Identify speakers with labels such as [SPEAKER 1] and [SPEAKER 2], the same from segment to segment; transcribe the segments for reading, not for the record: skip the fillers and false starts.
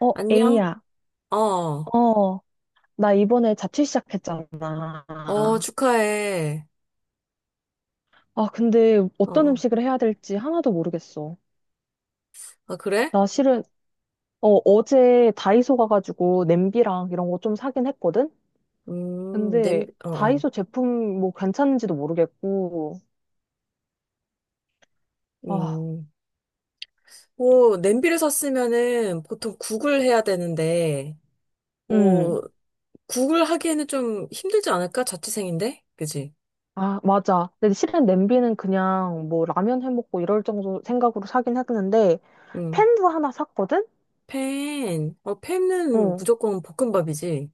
[SPEAKER 1] 어,
[SPEAKER 2] 안녕?
[SPEAKER 1] 에이야.
[SPEAKER 2] 어,
[SPEAKER 1] 어, 나 이번에 자취 시작했잖아.
[SPEAKER 2] 어,
[SPEAKER 1] 아,
[SPEAKER 2] 축하해.
[SPEAKER 1] 근데
[SPEAKER 2] 어,
[SPEAKER 1] 어떤
[SPEAKER 2] 어.
[SPEAKER 1] 음식을 해야 될지 하나도 모르겠어.
[SPEAKER 2] 아, 그래?
[SPEAKER 1] 나 실은, 어제 다이소 가가지고 냄비랑 이런 거 좀 사긴 했거든? 근데
[SPEAKER 2] 냄비, 어, 어.
[SPEAKER 1] 다이소 제품 뭐 괜찮은지도 모르겠고, 아,
[SPEAKER 2] 음, 뭐, 냄비를 샀으면은 보통 국을 해야 되는데,
[SPEAKER 1] 음.
[SPEAKER 2] 뭐, 국을 하기에는 좀 힘들지 않을까? 자취생인데? 그지?
[SPEAKER 1] 아, 맞아. 근데 실은 냄비는 그냥 뭐 라면 해 먹고 이럴 정도 생각으로 사긴 했는데,
[SPEAKER 2] 음,
[SPEAKER 1] 팬도 하나 샀거든?
[SPEAKER 2] 팬, 어, 팬은
[SPEAKER 1] 어.
[SPEAKER 2] 무조건 볶음밥이지.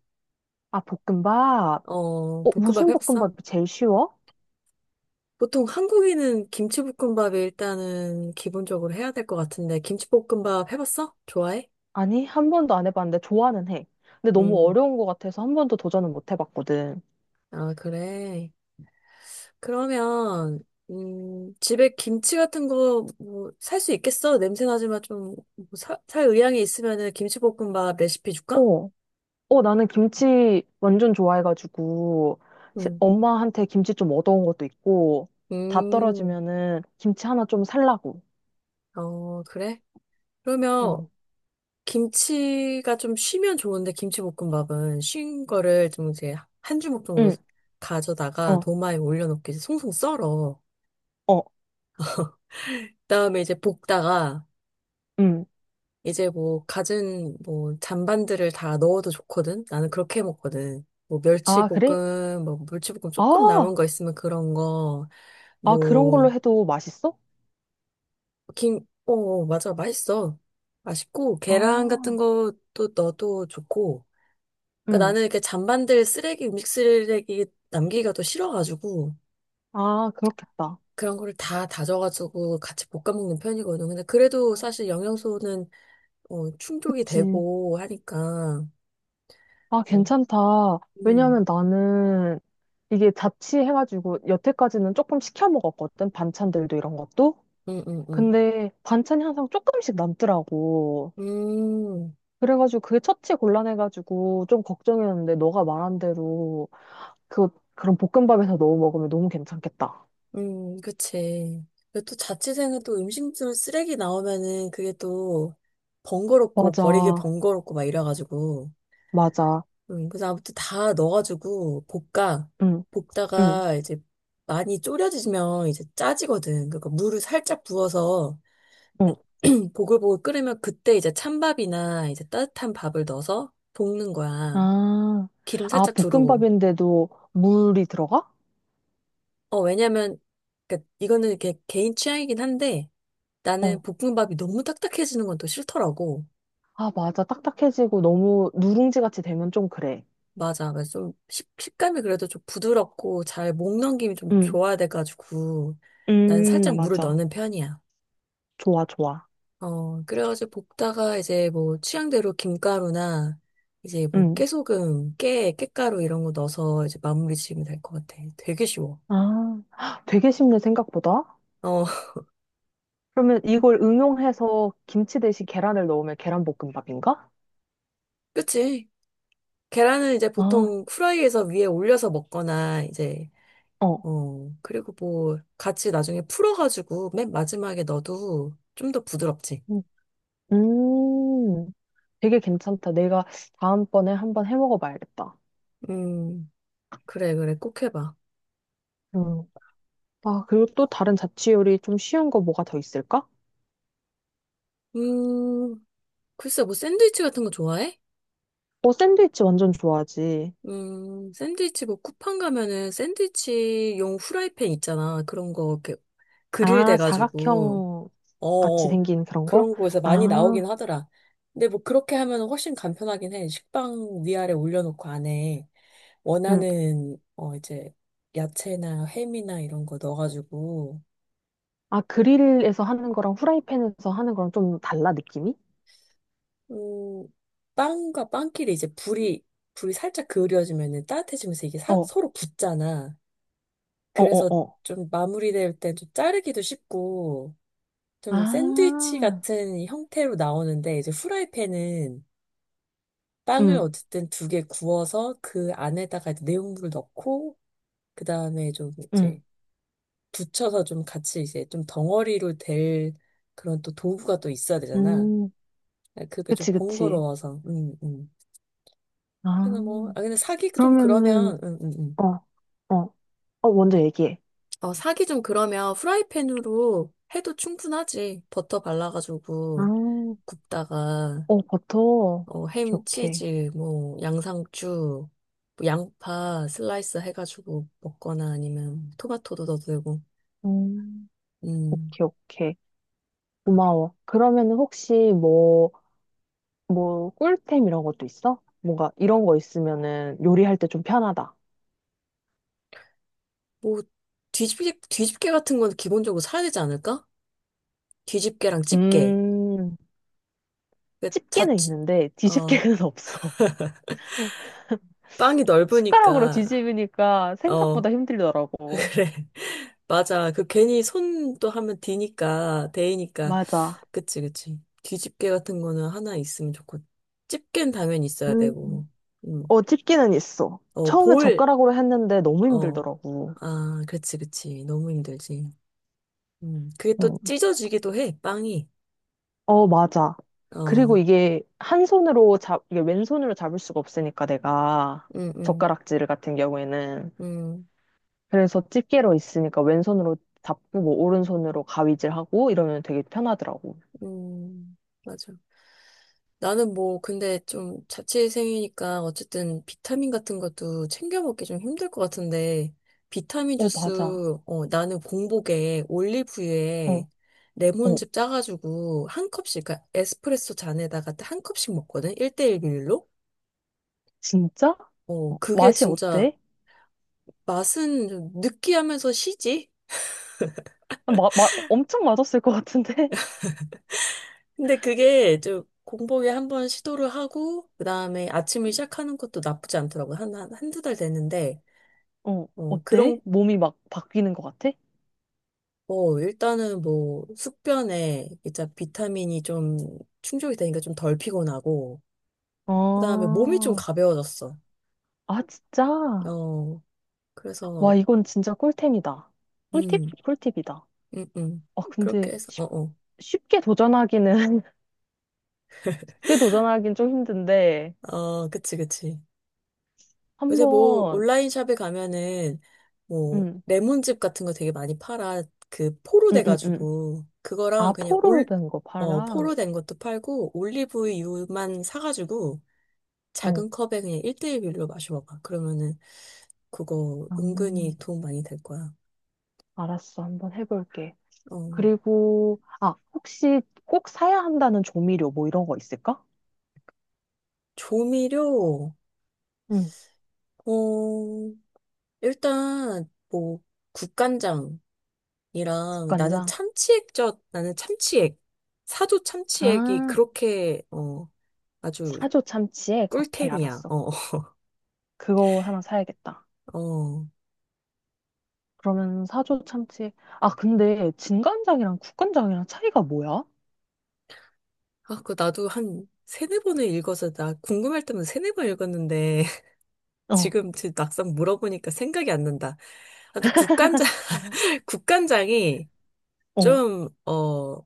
[SPEAKER 1] 아, 볶음밥.
[SPEAKER 2] 어,
[SPEAKER 1] 어,
[SPEAKER 2] 볶음밥
[SPEAKER 1] 무슨
[SPEAKER 2] 해봤어?
[SPEAKER 1] 볶음밥이 제일 쉬워?
[SPEAKER 2] 보통 한국인은 김치볶음밥이 일단은 기본적으로 해야 될 것 같은데, 김치볶음밥 해봤어? 좋아해?
[SPEAKER 1] 아니, 한 번도 안 해봤는데 좋아는 해. 근데 너무
[SPEAKER 2] 음,
[SPEAKER 1] 어려운 것 같아서 한 번도 도전은 못 해봤거든.
[SPEAKER 2] 아, 그래. 그러면, 집에 김치 같은 거, 뭐, 살 수 있겠어? 냄새 나지만 좀, 뭐 살 의향이 있으면은 김치볶음밥 레시피 줄까?
[SPEAKER 1] 어, 어, 나는 김치 완전 좋아해가지고
[SPEAKER 2] 응.
[SPEAKER 1] 엄마한테 김치 좀 얻어온 것도 있고 다
[SPEAKER 2] 음,
[SPEAKER 1] 떨어지면은 김치 하나 좀 살라고.
[SPEAKER 2] 어, 그래? 그러면,
[SPEAKER 1] 응,
[SPEAKER 2] 김치가 좀 쉬면 좋은데, 김치볶음밥은 쉰 거를 좀 이제 한 주먹 정도
[SPEAKER 1] 응,
[SPEAKER 2] 가져다가
[SPEAKER 1] 어,
[SPEAKER 2] 도마에 올려놓고 이제 송송 썰어.
[SPEAKER 1] 어,
[SPEAKER 2] 그다음에 이제 볶다가
[SPEAKER 1] 응.
[SPEAKER 2] 이제 뭐 갖은 뭐 잔반들을 다 넣어도 좋거든. 나는 그렇게 해 먹거든. 뭐
[SPEAKER 1] 아, 그래?
[SPEAKER 2] 멸치볶음, 뭐 물치볶음 조금 남은
[SPEAKER 1] 아,
[SPEAKER 2] 거 있으면 그런 거,
[SPEAKER 1] 아, 그런 걸로
[SPEAKER 2] 뭐
[SPEAKER 1] 해도 맛있어?
[SPEAKER 2] 김, 어, 맞아 맛있어. 맛있고 계란 같은
[SPEAKER 1] 아,
[SPEAKER 2] 것도 넣어도 좋고. 그러니까
[SPEAKER 1] 응.
[SPEAKER 2] 나는 이렇게 잔반들 쓰레기 음식 쓰레기 남기기가 또 싫어가지고
[SPEAKER 1] 아, 그렇겠다.
[SPEAKER 2] 그런 거를 다 다져가지고 같이 볶아 먹는 편이거든. 근데 그래도 사실 영양소는 어, 충족이
[SPEAKER 1] 그치.
[SPEAKER 2] 되고 하니까.
[SPEAKER 1] 아,
[SPEAKER 2] 어,
[SPEAKER 1] 괜찮다.
[SPEAKER 2] 음.
[SPEAKER 1] 왜냐면 나는 이게 자취해가지고 여태까지는 조금 시켜 먹었거든. 반찬들도 이런 것도.
[SPEAKER 2] 응응응.
[SPEAKER 1] 근데 반찬이 항상 조금씩 남더라고.
[SPEAKER 2] 음,
[SPEAKER 1] 그래가지고 그게 처치 곤란해가지고 좀 걱정이었는데 너가 말한 대로 그런 볶음밥에서 넣어 먹으면 너무 괜찮겠다.
[SPEAKER 2] 그치. 그리고 또 자취생은 또 음식물 쓰레기 나오면은 그게 또 번거롭고 버리기
[SPEAKER 1] 맞아.
[SPEAKER 2] 번거롭고 막 이래가지고.
[SPEAKER 1] 맞아.
[SPEAKER 2] 그래서 아무튼 다 넣어가지고 볶아.
[SPEAKER 1] 응, 응,
[SPEAKER 2] 볶다가 이제 많이 졸여지면 이제 짜지거든. 그러니까 물을 살짝 부어서
[SPEAKER 1] 응.
[SPEAKER 2] 보글보글 끓으면 그때 이제 찬밥이나 이제 따뜻한 밥을 넣어서 볶는 거야.
[SPEAKER 1] 아,
[SPEAKER 2] 기름
[SPEAKER 1] 아,
[SPEAKER 2] 살짝 두르고.
[SPEAKER 1] 볶음밥인데도 물이 들어가?
[SPEAKER 2] 어, 왜냐면, 그니까 이거는 이렇게 개인 취향이긴 한데, 나는
[SPEAKER 1] 어.
[SPEAKER 2] 볶음밥이 너무 딱딱해지는 건 또 싫더라고.
[SPEAKER 1] 아, 맞아. 딱딱해지고 너무 누룽지 같이 되면 좀 그래.
[SPEAKER 2] 맞아. 그래서 좀 식감이 그래도 좀 부드럽고 잘 목 넘김이 좀
[SPEAKER 1] 음,
[SPEAKER 2] 좋아야 돼가지고 나는 살짝 물을
[SPEAKER 1] 맞아.
[SPEAKER 2] 넣는 편이야.
[SPEAKER 1] 좋아, 좋아.
[SPEAKER 2] 어, 그래가지고 볶다가 이제 뭐 취향대로 김가루나 이제 뭐
[SPEAKER 1] 음.
[SPEAKER 2] 깨소금, 깻가루 이런 거 넣어서 이제 마무리 지으면 될 것 같아. 되게 쉬워.
[SPEAKER 1] 아, 헉, 되게 쉽네, 생각보다.
[SPEAKER 2] 어,
[SPEAKER 1] 그러면 이걸 응용해서 김치 대신 계란을 넣으면 계란볶음밥인가?
[SPEAKER 2] 그치? 계란은 이제
[SPEAKER 1] 아,
[SPEAKER 2] 보통 후라이에서 위에 올려서 먹거나 이제
[SPEAKER 1] 어.
[SPEAKER 2] 어, 그리고 뭐, 같이 나중에 풀어가지고 맨 마지막에 넣어도 좀 더 부드럽지.
[SPEAKER 1] 음, 음, 되게 괜찮다. 내가 다음번에 한번 해 먹어봐야겠다.
[SPEAKER 2] 음, 그래, 그래, 꼭 해봐.
[SPEAKER 1] 음. 아, 그리고 또 다른 자취 요리 좀 쉬운 거 뭐가 더 있을까?
[SPEAKER 2] 음, 글쎄, 뭐, 샌드위치 같은 거 좋아해?
[SPEAKER 1] 어, 샌드위치 완전 좋아하지.
[SPEAKER 2] 샌드위치 뭐, 쿠팡 가면은 샌드위치용 후라이팬 있잖아. 그런 거, 이렇게, 그릴
[SPEAKER 1] 아,
[SPEAKER 2] 돼가지고,
[SPEAKER 1] 사각형
[SPEAKER 2] 어,
[SPEAKER 1] 같이
[SPEAKER 2] 어.
[SPEAKER 1] 생긴 그런 거?
[SPEAKER 2] 그런 거에서 많이
[SPEAKER 1] 아,
[SPEAKER 2] 나오긴 하더라. 근데 뭐, 그렇게 하면 훨씬 간편하긴 해. 식빵 위아래 올려놓고 안에.
[SPEAKER 1] 음,
[SPEAKER 2] 원하는 어 이제 야채나 햄이나 이런 거 넣어가지고
[SPEAKER 1] 아, 그릴에서 하는 거랑 후라이팬에서 하는 거랑 좀 달라, 느낌이?
[SPEAKER 2] 음 빵과 빵끼리 이제 불이 살짝 그을려지면은 따뜻해지면서 이게
[SPEAKER 1] 어, 어,
[SPEAKER 2] 서로 붙잖아.
[SPEAKER 1] 어,
[SPEAKER 2] 그래서
[SPEAKER 1] 어.
[SPEAKER 2] 좀 마무리될 때 좀 자르기도 쉽고 좀 샌드위치
[SPEAKER 1] 아,
[SPEAKER 2] 같은 형태로 나오는데 이제 후라이팬은 빵을
[SPEAKER 1] 응,
[SPEAKER 2] 어쨌든 두 개 구워서 그 안에다가 이제 내용물을 넣고 그다음에 좀
[SPEAKER 1] 응,
[SPEAKER 2] 이제 붙여서 좀 같이 이제 좀 덩어리로 될 그런 또 도구가 또 있어야 되잖아.
[SPEAKER 1] 음,
[SPEAKER 2] 그게 좀
[SPEAKER 1] 그치, 그치.
[SPEAKER 2] 번거로워서. 그래서 뭐,
[SPEAKER 1] 아,
[SPEAKER 2] 아, 근데 사기 좀 그러면,
[SPEAKER 1] 그러면은, 어, 어, 어, 먼저 얘기해.
[SPEAKER 2] 어, 사기 좀 그러면 후라이팬으로 해도 충분하지. 버터
[SPEAKER 1] 아,
[SPEAKER 2] 발라가지고
[SPEAKER 1] 어,
[SPEAKER 2] 굽다가,
[SPEAKER 1] 버터.
[SPEAKER 2] 어,
[SPEAKER 1] 오케이,
[SPEAKER 2] 햄,
[SPEAKER 1] 오케이.
[SPEAKER 2] 치즈, 뭐, 양상추, 뭐 양파 슬라이스 해가지고 먹거나 아니면 토마토도 넣어도 되고,
[SPEAKER 1] 음,
[SPEAKER 2] 음.
[SPEAKER 1] 오케이, 오케이. 고마워. 그러면은 혹시 뭐, 꿀템 이런 것도 있어? 뭔가 이런 거 있으면은 요리할 때 좀 편하다.
[SPEAKER 2] 뭐, 뒤집개 같은 건 기본적으로 사야 되지 않을까? 뒤집개랑 집게
[SPEAKER 1] 음,
[SPEAKER 2] 그자
[SPEAKER 1] 집게는 있는데
[SPEAKER 2] 어,
[SPEAKER 1] 뒤집개는 없어.
[SPEAKER 2] 빵이
[SPEAKER 1] 숟가락으로
[SPEAKER 2] 넓으니까,
[SPEAKER 1] 뒤집으니까
[SPEAKER 2] 어,
[SPEAKER 1] 생각보다 힘들더라고.
[SPEAKER 2] 그래. 맞아. 그 괜히 손도 하면 디니까, 데이니까.
[SPEAKER 1] 맞아.
[SPEAKER 2] 그치, 그치. 뒤집개 같은 거는 하나 있으면 좋고, 집게는 당연히 있어야
[SPEAKER 1] 음,
[SPEAKER 2] 되고, 음.
[SPEAKER 1] 어, 찝기는 있어.
[SPEAKER 2] 어,
[SPEAKER 1] 처음에
[SPEAKER 2] 볼,
[SPEAKER 1] 젓가락으로 했는데 너무
[SPEAKER 2] 어,
[SPEAKER 1] 힘들더라고.
[SPEAKER 2] 아, 그치, 그치. 너무 힘들지. 음. 그게
[SPEAKER 1] 어,
[SPEAKER 2] 또 찢어지기도 해, 빵이.
[SPEAKER 1] 어, 맞아. 그리고
[SPEAKER 2] 어,
[SPEAKER 1] 이게 한 손으로 이게 왼손으로 잡을 수가 없으니까 내가
[SPEAKER 2] 음, 음,
[SPEAKER 1] 젓가락질 같은 경우에는.
[SPEAKER 2] 음,
[SPEAKER 1] 그래서 집게로 있으니까 왼손으로 잡고 뭐 오른손으로 가위질하고 이러면 되게 편하더라고.
[SPEAKER 2] 음, 맞아. 나는 뭐, 근데 좀 자취생이니까 어쨌든 비타민 같은 것도 챙겨 먹기 좀 힘들 것 같은데, 비타민
[SPEAKER 1] 어,
[SPEAKER 2] 주스,
[SPEAKER 1] 맞아.
[SPEAKER 2] 어, 나는 공복에 올리브유에
[SPEAKER 1] 어, 어,
[SPEAKER 2] 레몬즙 짜가지고 한 컵씩, 그러니까 에스프레소 잔에다가 한 컵씩 먹거든? 1대1 비율로?
[SPEAKER 1] 진짜?
[SPEAKER 2] 어,
[SPEAKER 1] 어,
[SPEAKER 2] 그게
[SPEAKER 1] 맛이
[SPEAKER 2] 진짜
[SPEAKER 1] 어때?
[SPEAKER 2] 맛은 좀 느끼하면서 시지?
[SPEAKER 1] 엄청 맛없을 것 같은데?
[SPEAKER 2] 근데 그게 좀 공복에 한번 시도를 하고, 그 다음에 아침을 시작하는 것도 나쁘지 않더라고. 한두 달 됐는데,
[SPEAKER 1] 어,
[SPEAKER 2] 어,
[SPEAKER 1] 어때?
[SPEAKER 2] 그런
[SPEAKER 1] 몸이 막 바뀌는 것 같아?
[SPEAKER 2] 뭐, 일단은 뭐, 숙변에 이제 비타민이 좀 충족이 되니까 좀 덜 피곤하고, 그 다음에
[SPEAKER 1] 아,
[SPEAKER 2] 몸이 좀 가벼워졌어.
[SPEAKER 1] 아, 진짜?
[SPEAKER 2] 어,
[SPEAKER 1] 와,
[SPEAKER 2] 그래서,
[SPEAKER 1] 이건 진짜 꿀템이다. 꿀팁?
[SPEAKER 2] 음,
[SPEAKER 1] 꿀팁이다.
[SPEAKER 2] 음, 음.
[SPEAKER 1] 아, 근데
[SPEAKER 2] 그렇게 해서, 어, 어.
[SPEAKER 1] 쉽게 도전하기는, 쉽게 도전하긴 좀 힘든데,
[SPEAKER 2] 어, 그치, 그치.
[SPEAKER 1] 한
[SPEAKER 2] 요새 뭐,
[SPEAKER 1] 번,
[SPEAKER 2] 온라인 샵에 가면은, 뭐,
[SPEAKER 1] 응,
[SPEAKER 2] 레몬즙 같은 거 되게 많이 팔아. 그, 포로
[SPEAKER 1] 응, 응, 응.
[SPEAKER 2] 돼가지고,
[SPEAKER 1] 아,
[SPEAKER 2] 그거랑 그냥
[SPEAKER 1] 포로
[SPEAKER 2] 올,
[SPEAKER 1] 된 거
[SPEAKER 2] 어,
[SPEAKER 1] 팔아?
[SPEAKER 2] 포로 된 것도 팔고, 올리브유만 사가지고,
[SPEAKER 1] 어,
[SPEAKER 2] 작은 컵에 그냥 1대1 비율로 마셔봐봐. 그러면은, 그거 은근히
[SPEAKER 1] 음,
[SPEAKER 2] 도움 많이 될 거야.
[SPEAKER 1] 알았어. 한번 해볼게.
[SPEAKER 2] 어,
[SPEAKER 1] 그리고, 아, 혹시 꼭 사야 한다는 조미료 뭐 이런 거 있을까?
[SPEAKER 2] 조미료,
[SPEAKER 1] 응,
[SPEAKER 2] 어, 일단, 뭐, 국간장이랑 나는
[SPEAKER 1] 국간장.
[SPEAKER 2] 참치액젓, 나는 참치액, 사조 참치액이
[SPEAKER 1] 아,
[SPEAKER 2] 그렇게, 어, 아주
[SPEAKER 1] 사조 참치액? 오케이,
[SPEAKER 2] 꿀템이야.
[SPEAKER 1] 알았어.
[SPEAKER 2] 어,
[SPEAKER 1] 그거 하나 사야겠다.
[SPEAKER 2] 어.
[SPEAKER 1] 그러면 사조 참치. 아, 근데 진간장이랑 국간장이랑 차이가 뭐야?
[SPEAKER 2] 아, 그 나도 한 세네 번을 읽어서 나 궁금할 때면 세네 번 읽었는데
[SPEAKER 1] 어,
[SPEAKER 2] 지금 막상 물어보니까 생각이 안 난다. 아무튼 국간장,
[SPEAKER 1] 음.
[SPEAKER 2] 국간장이
[SPEAKER 1] 어,
[SPEAKER 2] 좀, 어,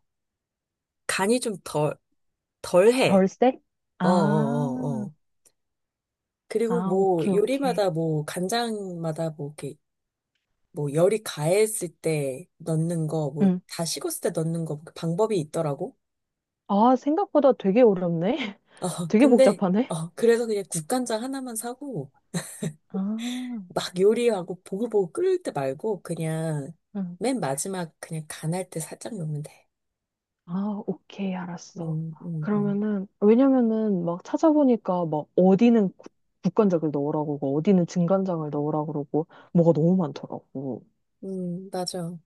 [SPEAKER 2] 간이 좀 덜, 덜해.
[SPEAKER 1] 덜세?
[SPEAKER 2] 어, 어,
[SPEAKER 1] 아,
[SPEAKER 2] 어, 어. 그리고
[SPEAKER 1] 아,
[SPEAKER 2] 뭐
[SPEAKER 1] 오케이, 오케이.
[SPEAKER 2] 요리마다 뭐 간장마다 뭐 이렇게 뭐 열이 가했을 때 넣는 거, 뭐
[SPEAKER 1] 응.
[SPEAKER 2] 다 식었을 때 넣는 거그 방법이 있더라고.
[SPEAKER 1] 아, 생각보다 되게 어렵네.
[SPEAKER 2] 어,
[SPEAKER 1] 되게
[SPEAKER 2] 근데
[SPEAKER 1] 복잡하네.
[SPEAKER 2] 어, 그래서 그냥 국간장 하나만 사고
[SPEAKER 1] 아,
[SPEAKER 2] 막 요리하고 보글보글 끓일 때 말고 그냥
[SPEAKER 1] 응.
[SPEAKER 2] 맨 마지막 그냥 간할 때 살짝 넣으면 돼.
[SPEAKER 1] 아, 오케이, 알았어.
[SPEAKER 2] 음, 음, 음.
[SPEAKER 1] 그러면은, 왜냐면은 막 찾아보니까 막 어디는 국간장을 넣으라고 그러고, 어디는 진간장을 넣으라고 그러고, 뭐가 너무 많더라고.
[SPEAKER 2] 맞아.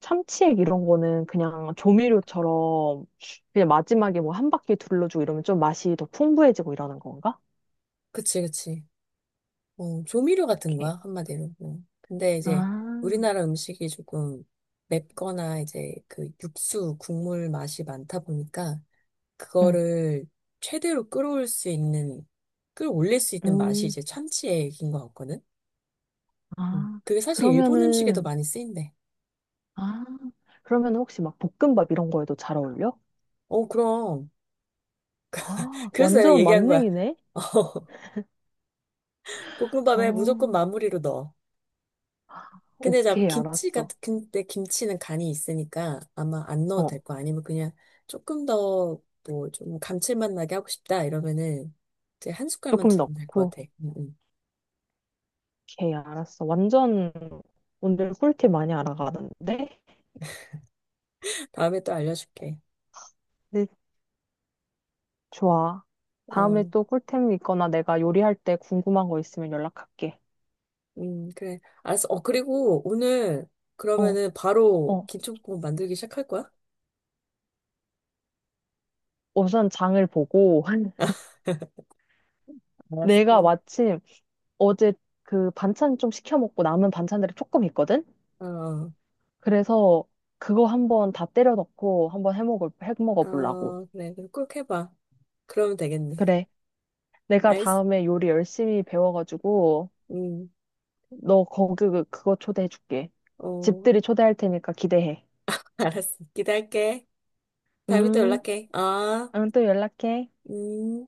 [SPEAKER 1] 참치액 이런 거는 그냥 조미료처럼 그냥 마지막에 뭐 한 바퀴 둘러주고 이러면 좀 맛이 더 풍부해지고 이러는 건가?
[SPEAKER 2] 그치, 그치. 어, 조미료 같은 거야,
[SPEAKER 1] 오케이.
[SPEAKER 2] 한마디로. 어. 근데 이제
[SPEAKER 1] 아,
[SPEAKER 2] 우리나라 음식이 조금 맵거나 이제 그 육수, 국물 맛이 많다 보니까
[SPEAKER 1] 응,
[SPEAKER 2] 그거를 최대로 끌어올 수 있는, 끌어올릴 수 있는 맛이
[SPEAKER 1] 음,
[SPEAKER 2] 이제 참치액인 것 같거든? 음.
[SPEAKER 1] 아,
[SPEAKER 2] 그게 사실 일본 음식에도
[SPEAKER 1] 그러면은,
[SPEAKER 2] 많이 쓰인대.
[SPEAKER 1] 아, 그러면 혹시 막 볶음밥 이런 거에도 잘 어울려?
[SPEAKER 2] 어, 그럼.
[SPEAKER 1] 아,
[SPEAKER 2] 그래서 내가
[SPEAKER 1] 완전
[SPEAKER 2] 얘기한 거야.
[SPEAKER 1] 만능이네?
[SPEAKER 2] 볶음밥에 무조건
[SPEAKER 1] 어,
[SPEAKER 2] 마무리로 넣어. 근데 나
[SPEAKER 1] 오케이,
[SPEAKER 2] 김치
[SPEAKER 1] 알았어.
[SPEAKER 2] 같은, 근데 김치는 간이 있으니까 아마 안 넣어도
[SPEAKER 1] 어,
[SPEAKER 2] 될 거 아니면 그냥 조금 더 뭐 좀 감칠맛 나게 하고 싶다 이러면은 이제 한 숟갈만
[SPEAKER 1] 조금
[SPEAKER 2] 두르면 될 것
[SPEAKER 1] 넣고,
[SPEAKER 2] 같아.
[SPEAKER 1] 오케이, 알았어. 완전 오늘 꿀팁 많이 알아가는데?
[SPEAKER 2] 다음에 또 알려줄게.
[SPEAKER 1] 좋아. 다음에
[SPEAKER 2] 어,
[SPEAKER 1] 또 꿀템 있거나 내가 요리할 때 궁금한 거 있으면 연락할게.
[SPEAKER 2] 그래. 알았어. 어, 그리고 오늘
[SPEAKER 1] 어,
[SPEAKER 2] 그러면은 바로
[SPEAKER 1] 어.
[SPEAKER 2] 김치볶음 만들기 시작할 거야?
[SPEAKER 1] 우선 장을 보고 내가
[SPEAKER 2] 알았어.
[SPEAKER 1] 마침 어제 그 반찬 좀 시켜 먹고 남은 반찬들이 조금 있거든?
[SPEAKER 2] 어,
[SPEAKER 1] 그래서 그거 한번 다 때려 넣고 한번 해 먹어 보려고.
[SPEAKER 2] 어, 그래. 그럼 꼭 해봐. 그러면 되겠네.
[SPEAKER 1] 그래. 내가
[SPEAKER 2] 알겠어.
[SPEAKER 1] 다음에 요리 열심히 배워 가지고
[SPEAKER 2] 음,
[SPEAKER 1] 너 거기 그거 초대해 줄게.
[SPEAKER 2] 어,
[SPEAKER 1] 집들이 초대할 테니까 기대해.
[SPEAKER 2] 알았어. 기대할게. 다음에 또
[SPEAKER 1] 음,
[SPEAKER 2] 연락해. 아.
[SPEAKER 1] 응, 또 연락해.
[SPEAKER 2] 음.